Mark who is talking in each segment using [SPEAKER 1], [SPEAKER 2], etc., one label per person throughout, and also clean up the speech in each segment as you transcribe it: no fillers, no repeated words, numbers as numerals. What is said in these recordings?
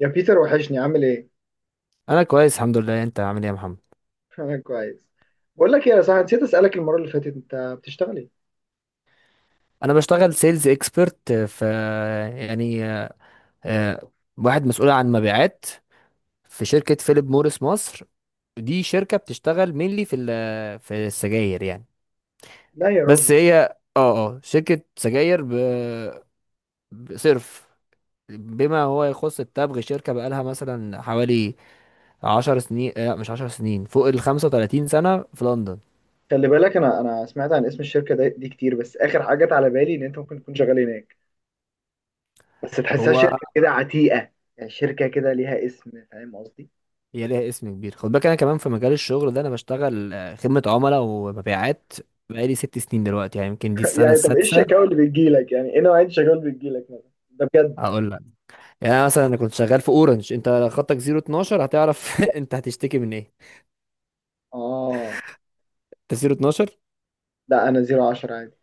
[SPEAKER 1] يا بيتر وحشني عامل ايه؟
[SPEAKER 2] انا كويس، الحمد لله. انت عامل ايه يا محمد؟
[SPEAKER 1] انا كويس. بقول لك ايه يا صاحبي، نسيت اسالك المره اللي فاتت، انت بتشتغل ايه؟
[SPEAKER 2] انا بشتغل سيلز اكسبرت في، يعني آه، واحد مسؤول عن مبيعات في شركة فيليب موريس مصر. دي شركة بتشتغل مينلي في في السجاير، يعني.
[SPEAKER 1] لا يا
[SPEAKER 2] بس
[SPEAKER 1] راجل.
[SPEAKER 2] هي، اه شركة سجاير، بصرف بما هو يخص التبغ. شركة بقالها مثلا حوالي 10 سنين، لا مش 10 سنين، فوق ال 35 سنة في لندن.
[SPEAKER 1] خلي بالك انا سمعت عن اسم الشركه دي كتير، بس اخر حاجه جت على بالي ان انت ممكن تكون شغال هناك. بس تحسها
[SPEAKER 2] هو
[SPEAKER 1] شركه كده عتيقه، يعني شركه كده ليها اسم، فاهم قصدي؟
[SPEAKER 2] هي ليها اسم كبير. خد بالك، انا كمان في مجال الشغل ده انا بشتغل، خدمة عملاء ومبيعات، بقالي 6 سنين دلوقتي، يعني يمكن دي السنة
[SPEAKER 1] يعني طب ايه
[SPEAKER 2] السادسة.
[SPEAKER 1] الشكاوى اللي بتجيلك؟ يعني ايه نوعيه الشكاوى اللي بتجيلك مثلا؟ ده بجد.
[SPEAKER 2] هقول لك. يعني أنا مثلا كنت شغال في اورنج. انت خطك 012 هتعرف انت هتشتكي من ايه؟
[SPEAKER 1] اه.
[SPEAKER 2] انت 012.
[SPEAKER 1] لا، انا زيرو عشرة عادي.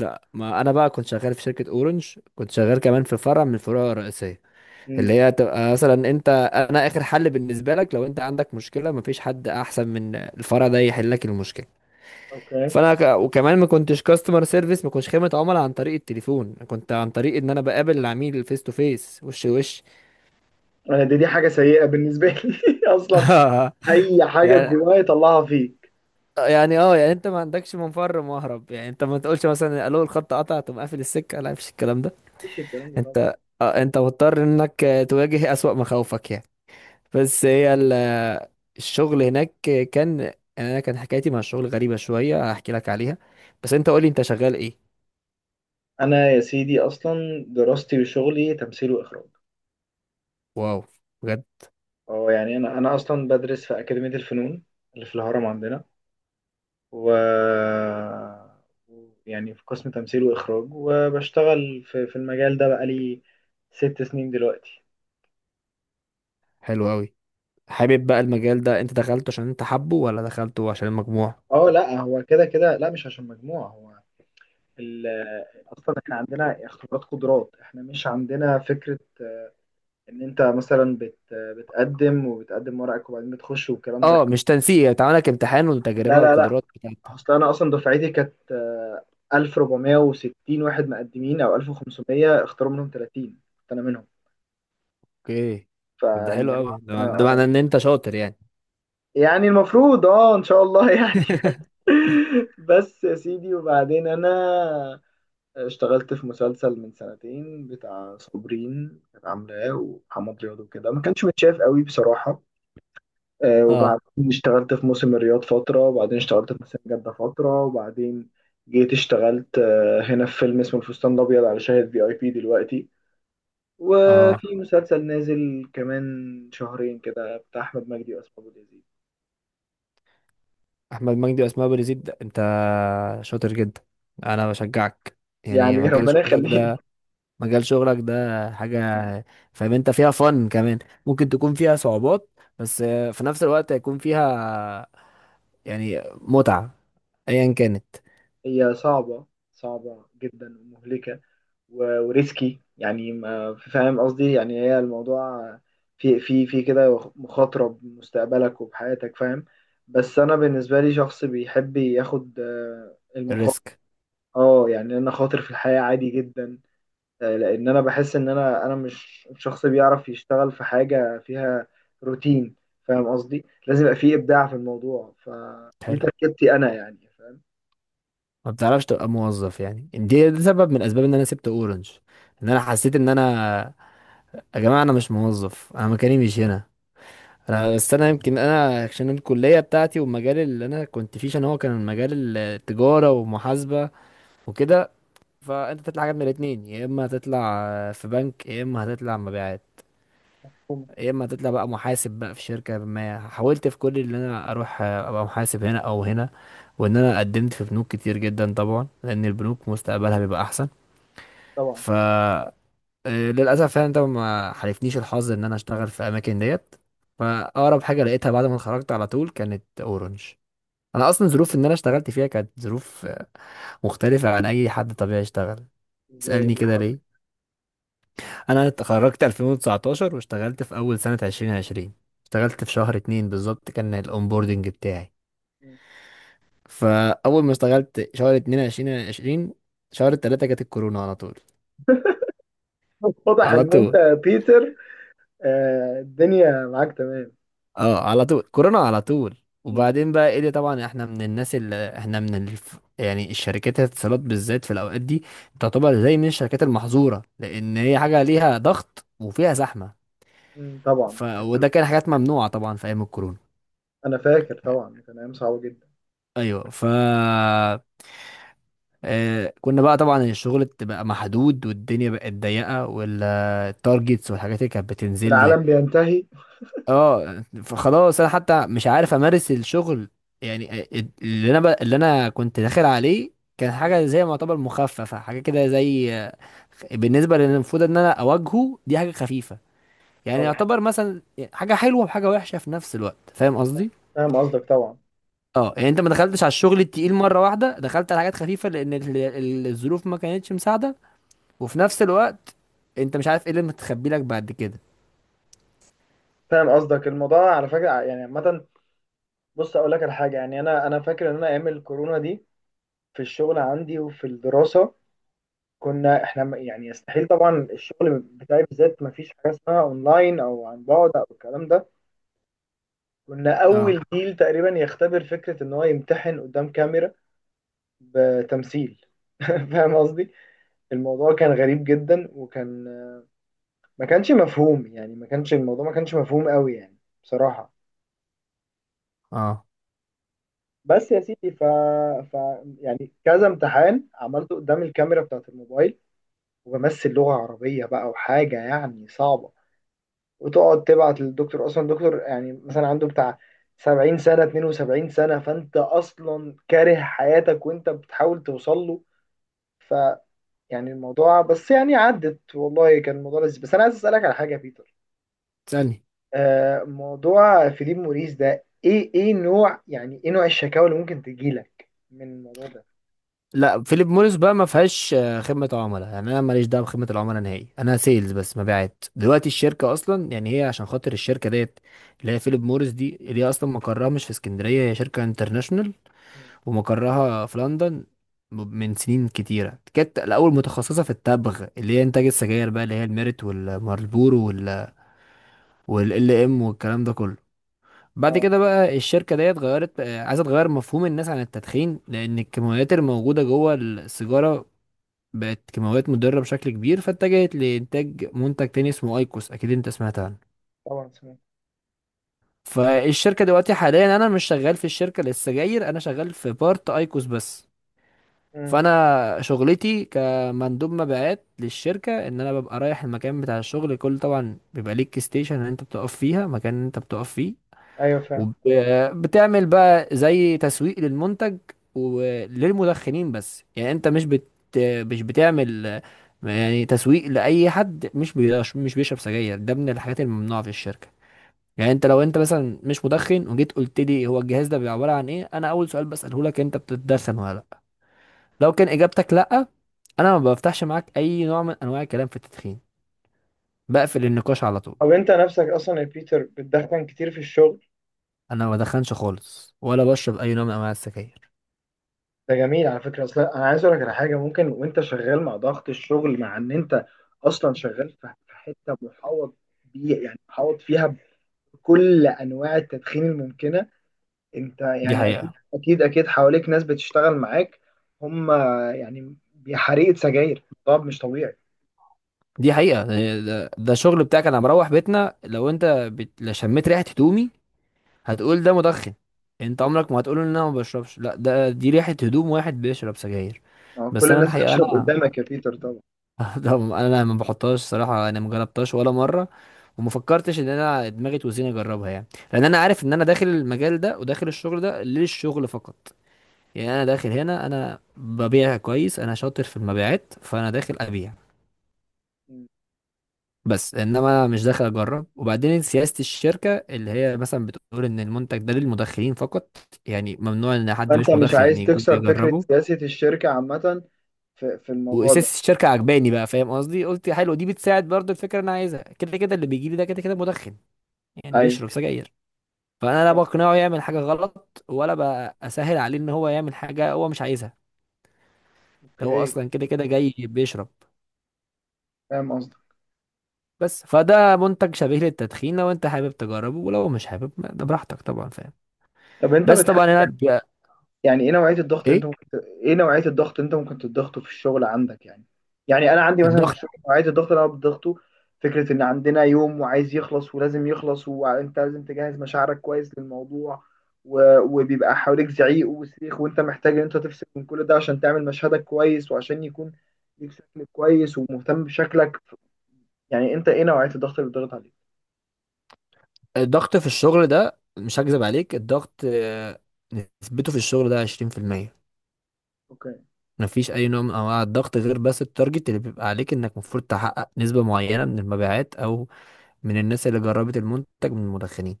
[SPEAKER 2] لا، ما انا بقى كنت شغال في شركة اورنج، كنت شغال كمان في فرع من الفروع الرئيسية
[SPEAKER 1] امم.
[SPEAKER 2] اللي هي تبقى مثلا. انا اخر حل بالنسبة لك، لو انت عندك مشكلة مفيش حد احسن من الفرع ده يحل لك المشكلة.
[SPEAKER 1] اوكي.
[SPEAKER 2] وكمان ما كنتش كاستمر سيرفيس، ما كنتش خدمه عملاء عن طريق التليفون، أنا كنت عن طريق ان انا بقابل العميل فيس تو فيس، وش لوش.
[SPEAKER 1] انا دي حاجه سيئه بالنسبه لي اصلا. اي حاجه
[SPEAKER 2] يعني
[SPEAKER 1] جوايا يطلعها فيك.
[SPEAKER 2] يعني انت ما عندكش منفر مهرب، يعني انت ما تقولش مثلا الو الخط قطع تقوم قافل السكه، لا مفيش الكلام ده.
[SPEAKER 1] مفيش الكلام ده طبعا.
[SPEAKER 2] انت انت مضطر انك، تواجه اسوأ مخاوفك يعني. بس هي ال... آه، الشغل هناك كان، يعني، انا كان حكايتي مع الشغل غريبه شويه، هحكي لك عليها. بس انت قولي، انت شغال ايه؟
[SPEAKER 1] انا يا سيدي اصلا دراستي وشغلي تمثيل واخراج.
[SPEAKER 2] واو، بجد.
[SPEAKER 1] اه يعني انا اصلا بدرس في اكاديميه الفنون اللي في الهرم عندنا، و يعني في قسم تمثيل واخراج، وبشتغل في المجال ده بقالي 6 سنين دلوقتي.
[SPEAKER 2] حلو قوي. حابب بقى المجال ده انت دخلته عشان انت حابه ولا دخلته عشان المجموع؟
[SPEAKER 1] اه لا، هو كده كده لا مش عشان مجموعه، هو ال... اصلا احنا عندنا اختبارات قدرات، احنا مش عندنا فكره ان انت مثلا بتقدم وبتقدم ورقك وبعدين بتخش والكلام ده.
[SPEAKER 2] اه مش تنسيق، يعني تعمل لك امتحان
[SPEAKER 1] لا
[SPEAKER 2] وتجربة
[SPEAKER 1] لا لا.
[SPEAKER 2] وقدرات بتاعتك.
[SPEAKER 1] اصل انا اصلا دفعتي كانت 1460 واحد مقدمين او 1500، اختاروا منهم 30، كنت انا منهم.
[SPEAKER 2] اوكي. طب ده حلو
[SPEAKER 1] فالموضوع
[SPEAKER 2] قوي، ده
[SPEAKER 1] انا
[SPEAKER 2] ده معناه ان انت شاطر يعني.
[SPEAKER 1] يعني المفروض اه ان شاء الله يعني. بس يا سيدي، وبعدين انا اشتغلت في مسلسل من سنتين بتاع صابرين كانت عاملاه ومحمد رياض وكده، ما كانش متشاف قوي بصراحة.
[SPEAKER 2] اه،
[SPEAKER 1] وبعدين اشتغلت في موسم الرياض فترة، وبعدين اشتغلت في موسم جدة فترة، وبعدين جيت اشتغلت هنا في فيلم اسمه الفستان الأبيض على شاهد في اي بي دلوقتي،
[SPEAKER 2] اه.
[SPEAKER 1] وفي مسلسل نازل كمان شهرين كده بتاع أحمد مجدي وأسماء أبو اليزيد.
[SPEAKER 2] احمد مجدي واسماء ابو يزيد؟ ده انت شاطر جدا، انا بشجعك. يعني
[SPEAKER 1] يعني
[SPEAKER 2] مجال
[SPEAKER 1] ربنا
[SPEAKER 2] شغلك
[SPEAKER 1] يخليني.
[SPEAKER 2] ده، مجال شغلك ده حاجه فاهم انت فيها فن كمان. ممكن تكون فيها صعوبات، بس في نفس الوقت هيكون فيها يعني متعه ايا كانت.
[SPEAKER 1] هي صعبة، صعبة جدا ومهلكة. وريسكي يعني، ما فاهم قصدي؟ يعني هي الموضوع في كده مخاطرة بمستقبلك وبحياتك، فاهم. بس انا بالنسبة لي شخص بيحب ياخد المخاطر.
[SPEAKER 2] الريسك.
[SPEAKER 1] اه يعني انا خاطر في الحياة عادي جدا. لان انا بحس ان انا مش شخص بيعرف يشتغل في حاجة فيها روتين. فاهم قصدي؟ لازم يبقى فيه ابداع في الموضوع، فدي
[SPEAKER 2] حلو.
[SPEAKER 1] تركيبتي انا يعني.
[SPEAKER 2] ما بتعرفش تبقى موظف، يعني ده سبب من اسباب ان انا سبت اورنج. ان انا حسيت ان انا، يا جماعه انا مش موظف، انا مكاني مش هنا. انا، بس انا يمكن انا عشان الكليه بتاعتي، والمجال اللي انا كنت فيه عشان هو كان مجال التجاره ومحاسبه وكده. فانت تطلع حاجه من الاتنين، يا اما هتطلع في بنك، يا اما هتطلع مبيعات،
[SPEAKER 1] فاهم
[SPEAKER 2] يا اما هتطلع بقى محاسب بقى في شركه. ما حاولت في كل اللي انا اروح ابقى محاسب هنا او هنا، وان انا قدمت في بنوك كتير جدا طبعا لان البنوك مستقبلها بيبقى احسن.
[SPEAKER 1] طبعا.
[SPEAKER 2] ف آه، للاسف يعني ده ما حالفنيش الحظ ان انا اشتغل في اماكن ديت. فاقرب حاجه لقيتها بعد ما اتخرجت على طول كانت اورنج. انا اصلا ظروف ان انا اشتغلت فيها كانت ظروف، مختلفه عن اي حد طبيعي اشتغل.
[SPEAKER 1] ازاي، إيه
[SPEAKER 2] اسالني
[SPEAKER 1] اللي
[SPEAKER 2] كده
[SPEAKER 1] حصل؟
[SPEAKER 2] ليه. انا اتخرجت 2019، واشتغلت في اول سنه 2020. اشتغلت في شهر 2 بالظبط كان الاونبوردنج بتاعي. فاول ما اشتغلت شهر 2 2020، شهر 3 جت الكورونا على طول.
[SPEAKER 1] واضح
[SPEAKER 2] على
[SPEAKER 1] ان انت
[SPEAKER 2] طول.
[SPEAKER 1] يا بيتر الدنيا معاك تمام.
[SPEAKER 2] اه على طول كورونا على طول.
[SPEAKER 1] مم.
[SPEAKER 2] وبعدين بقى ايه ده، طبعا احنا من الناس اللي احنا يعني الشركات الاتصالات بالذات في الاوقات دي تعتبر زي من الشركات المحظوره، لان هي حاجه ليها ضغط وفيها زحمه.
[SPEAKER 1] مم، طبعا.
[SPEAKER 2] وده كان حاجات ممنوعه طبعا في ايام الكورونا.
[SPEAKER 1] انا فاكر طبعا، كان ايام صعبه جدا.
[SPEAKER 2] ايوه. ف آه كنا بقى طبعا الشغل بقى محدود، والدنيا بقت ضيقه، والتارجتس والحاجات اللي كانت بتنزل لي.
[SPEAKER 1] والعالم بينتهي.
[SPEAKER 2] اه فخلاص انا حتى مش عارف امارس الشغل. يعني اللي انا كنت داخل عليه كان حاجه
[SPEAKER 1] مم،
[SPEAKER 2] زي ما يعتبر مخففه، حاجه كده زي، بالنسبه للي المفروض ان انا اواجهه دي حاجه خفيفه. يعني
[SPEAKER 1] طبعا.
[SPEAKER 2] يعتبر مثلا حاجه حلوه وحاجه وحشه في نفس الوقت، فاهم قصدي.
[SPEAKER 1] فاهم قصدك طبعا.
[SPEAKER 2] اه يعني انت ما دخلتش على الشغل التقيل مره واحده، دخلت على حاجات خفيفه، لان الظروف ما كانتش مساعده. وفي نفس الوقت انت مش عارف ايه اللي متخبي لك بعد كده.
[SPEAKER 1] فاهم قصدك، الموضوع على فكره يعني عامه. بص اقول لك على حاجه، يعني انا فاكر ان انا ايام الكورونا دي في الشغل عندي وفي الدراسه، كنا احنا يعني يستحيل، طبعا الشغل بتاعي بالذات ما فيش حاجه اسمها اونلاين او عن بعد او الكلام ده. كنا
[SPEAKER 2] اه،
[SPEAKER 1] اول جيل تقريبا يختبر فكره ان هو يمتحن قدام كاميرا بتمثيل. فاهم قصدي. الموضوع كان غريب جدا، وكان ما كانش مفهوم، يعني ما كانش الموضوع ما كانش مفهوم قوي يعني، بصراحة.
[SPEAKER 2] اه.
[SPEAKER 1] بس يا سيدي ف يعني كذا امتحان عملته قدام الكاميرا بتاعت الموبايل، وبمثل لغة عربية بقى، وحاجة يعني صعبة، وتقعد تبعت للدكتور، أصلا الدكتور يعني مثلا عنده بتاع 70 سنة، 72 سنة، فأنت أصلا كاره حياتك وأنت بتحاول توصل له. ف يعني الموضوع، بس يعني عدت، والله كان الموضوع لذيذ. بس أنا عايز أسألك على حاجة يا بيتر.
[SPEAKER 2] تسألني؟
[SPEAKER 1] موضوع فيليب موريس ده ايه، ايه نوع، يعني ايه نوع الشكاوى اللي ممكن تجيلك من الموضوع ده؟
[SPEAKER 2] لا فيليب موريس بقى ما فيهاش، خدمة عملاء. يعني انا ماليش دعوة بخدمة العملاء نهائي، انا سيلز بس، مبيعات. دلوقتي الشركة اصلا، يعني هي عشان خاطر الشركة ديت اللي هي فيليب موريس دي، اللي هي اصلا مقرها مش في اسكندرية، هي شركة انترناشونال
[SPEAKER 1] مم.
[SPEAKER 2] ومقرها في لندن. من سنين كتيرة كانت الأول متخصصة في التبغ، اللي هي إنتاج السجاير بقى، اللي هي الميريت والمارلبورو والال ام والكلام ده كله. بعد
[SPEAKER 1] اه
[SPEAKER 2] كده بقى الشركة ديت غيرت، عايزة تغير مفهوم الناس عن التدخين، لأن الكيماويات الموجودة جوه السيجارة بقت كيماويات مضرة بشكل كبير، فاتجهت لإنتاج منتج تاني اسمه أيكوس، أكيد أنت سمعت عنه.
[SPEAKER 1] طبعا سمعت.
[SPEAKER 2] فالشركة دلوقتي حاليا، أنا مش شغال في الشركة للسجاير، أنا شغال في بارت أيكوس بس.
[SPEAKER 1] مم.
[SPEAKER 2] فأنا شغلتي كمندوب مبيعات للشركة، إن أنا ببقى رايح المكان بتاع الشغل. كل، طبعا بيبقى ليك ستيشن إن أنت بتقف فيها، مكان إن أنت بتقف فيه،
[SPEAKER 1] ايوه فاهم.
[SPEAKER 2] وبتعمل بقى زي تسويق للمنتج وللمدخنين. بس يعني انت مش بتعمل، يعني تسويق لأي حد مش بيشرب سجاير، ده من الحاجات الممنوعة في الشركة. يعني انت لو انت مثلا مش مدخن، وجيت قلت لي هو الجهاز ده بيبقى عبارة عن ايه، انا اول سؤال بسأله لك، انت بتتدخن ولا لا. لو كان اجابتك لا، انا ما بفتحش معاك اي نوع من انواع الكلام في التدخين، بقفل النقاش على طول.
[SPEAKER 1] طب انت نفسك اصلا يا بيتر بتدخن كتير في الشغل؟
[SPEAKER 2] انا ما بدخنش خالص، ولا بشرب اي نوع من انواع السجاير.
[SPEAKER 1] ده جميل على فكره. اصلا انا عايز اقول لك على حاجه، ممكن وانت شغال مع ضغط الشغل، مع ان انت اصلا شغال في حته محوط بيه، يعني محوط فيها بكل انواع التدخين الممكنه. انت
[SPEAKER 2] دي
[SPEAKER 1] يعني اكيد
[SPEAKER 2] حقيقة.
[SPEAKER 1] اكيد اكيد حواليك ناس بتشتغل معاك. هم يعني حريقة سجاير، طب مش طبيعي.
[SPEAKER 2] دي حقيقة يعني ده الشغل بتاعك. انا مروح بيتنا لو انت لو شميت ريحة هدومي هتقول ده مدخن. انت عمرك ما هتقول ان انا ما بشربش، لا ده دي ريحة هدوم واحد بيشرب سجاير.
[SPEAKER 1] ما هو
[SPEAKER 2] بس
[SPEAKER 1] كل
[SPEAKER 2] انا
[SPEAKER 1] الناس
[SPEAKER 2] الحقيقة،
[SPEAKER 1] بتشرب
[SPEAKER 2] انا
[SPEAKER 1] قدامك يا بيتر طبعا.
[SPEAKER 2] ده انا ما بحطهاش صراحة، انا ما جربتهاش ولا مرة، وما فكرتش ان انا دماغي توزيني اجربها يعني. لان انا عارف ان انا داخل المجال ده وداخل الشغل ده للشغل فقط. يعني انا داخل هنا انا ببيع كويس، انا شاطر في المبيعات، فانا داخل ابيع
[SPEAKER 1] مم.
[SPEAKER 2] بس، انما مش داخل اجرب. وبعدين سياسة الشركة اللي هي مثلا بتقول ان المنتج ده للمدخنين فقط، يعني ممنوع ان حد
[SPEAKER 1] فانت
[SPEAKER 2] مش
[SPEAKER 1] مش
[SPEAKER 2] مدخن
[SPEAKER 1] عايز
[SPEAKER 2] يكون
[SPEAKER 1] تكسر فكرة
[SPEAKER 2] بيجربه.
[SPEAKER 1] سياسة الشركة عامة في الموضوع ده.
[SPEAKER 2] واساس الشركة عجباني بقى، فاهم قصدي، قلت حلو دي بتساعد برضو الفكرة اللي انا عايزها، كده كده اللي بيجي لي ده كده كده مدخن، يعني
[SPEAKER 1] ايوه.
[SPEAKER 2] بيشرب سجاير. فانا لا بقنعه يعمل حاجة غلط، ولا بسهل عليه ان هو يعمل حاجة هو مش عايزها. ده هو
[SPEAKER 1] اوكي.
[SPEAKER 2] اصلا كده كده جاي بيشرب
[SPEAKER 1] فاهم قصدك.
[SPEAKER 2] بس، فده منتج شبيه للتدخين، لو انت حابب تجربه ولو مش حابب ده براحتك طبعا، فاهم.
[SPEAKER 1] طب انت
[SPEAKER 2] بس
[SPEAKER 1] بتحس،
[SPEAKER 2] طبعا انا،
[SPEAKER 1] يعني ايه نوعية الضغط اللي
[SPEAKER 2] ايه
[SPEAKER 1] انت ممكن ايه نوعية الضغط اللي انت ممكن تضغطه في الشغل عندك يعني؟ يعني انا عندي مثلا في
[SPEAKER 2] الضغط
[SPEAKER 1] الشغل نوعية الضغط اللي انا بضغطه فكرة ان عندنا يوم وعايز يخلص ولازم يخلص، وانت لازم تجهز مشاعرك كويس للموضوع، وبيبقى حواليك زعيق وصريخ، وانت محتاج ان انت تفصل من كل ده عشان تعمل مشهدك كويس، وعشان يكون ليك شكل كويس ومهتم بشكلك. يعني انت ايه نوعية الضغط اللي بتضغط عليك؟
[SPEAKER 2] الضغط في الشغل ده، مش هكذب عليك، الضغط، نسبته في الشغل ده 20%.
[SPEAKER 1] اوكي.
[SPEAKER 2] مفيش اي نوع من انواع الضغط غير بس التارجت اللي بيبقى عليك، انك المفروض تحقق نسبة معينة من المبيعات، او من الناس اللي جربت المنتج من المدخنين.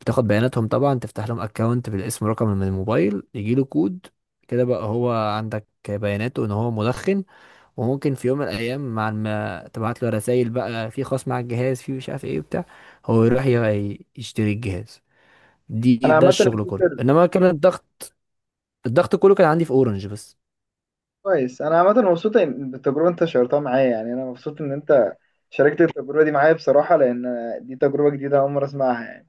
[SPEAKER 2] بتاخد بياناتهم طبعا، تفتح لهم اكونت بالاسم، رقم من الموبايل يجي له كود، كده بقى هو عندك بياناته ان هو مدخن. وممكن في يوم من الايام، مع ما تبعت له رسائل بقى في خاص مع الجهاز في مش عارف ايه بتاع، هو يروح يشتري الجهاز.
[SPEAKER 1] انا
[SPEAKER 2] دي ده
[SPEAKER 1] عامة
[SPEAKER 2] الشغل كله،
[SPEAKER 1] الفكرة.
[SPEAKER 2] انما كان الضغط، الضغط كله كان عندي في اورنج بس.
[SPEAKER 1] كويس. انا عامه مبسوط بالتجربه انت شاركتها معايا، يعني انا مبسوط ان انت شاركت التجربه دي معايا بصراحه، لان دي تجربه جديده اول مره اسمعها يعني.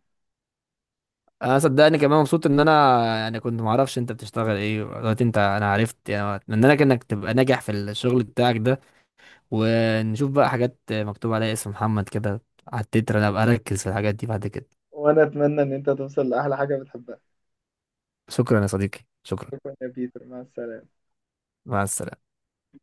[SPEAKER 2] انا صدقني كمان مبسوط ان انا يعني كنت ما اعرفش انت بتشتغل ايه دلوقتي. انا عرفت، يعني اتمنى لك انك تبقى ناجح في الشغل بتاعك ده. ونشوف بقى حاجات مكتوب عليها اسم محمد كده على التتر، انا ابقى اركز في الحاجات دي بعد كده.
[SPEAKER 1] وانا اتمنى ان انت توصل لاحلى حاجه بتحبها.
[SPEAKER 2] شكرا يا صديقي، شكرا.
[SPEAKER 1] شكرا يا بيتر، مع السلامه.
[SPEAKER 2] مع السلامة.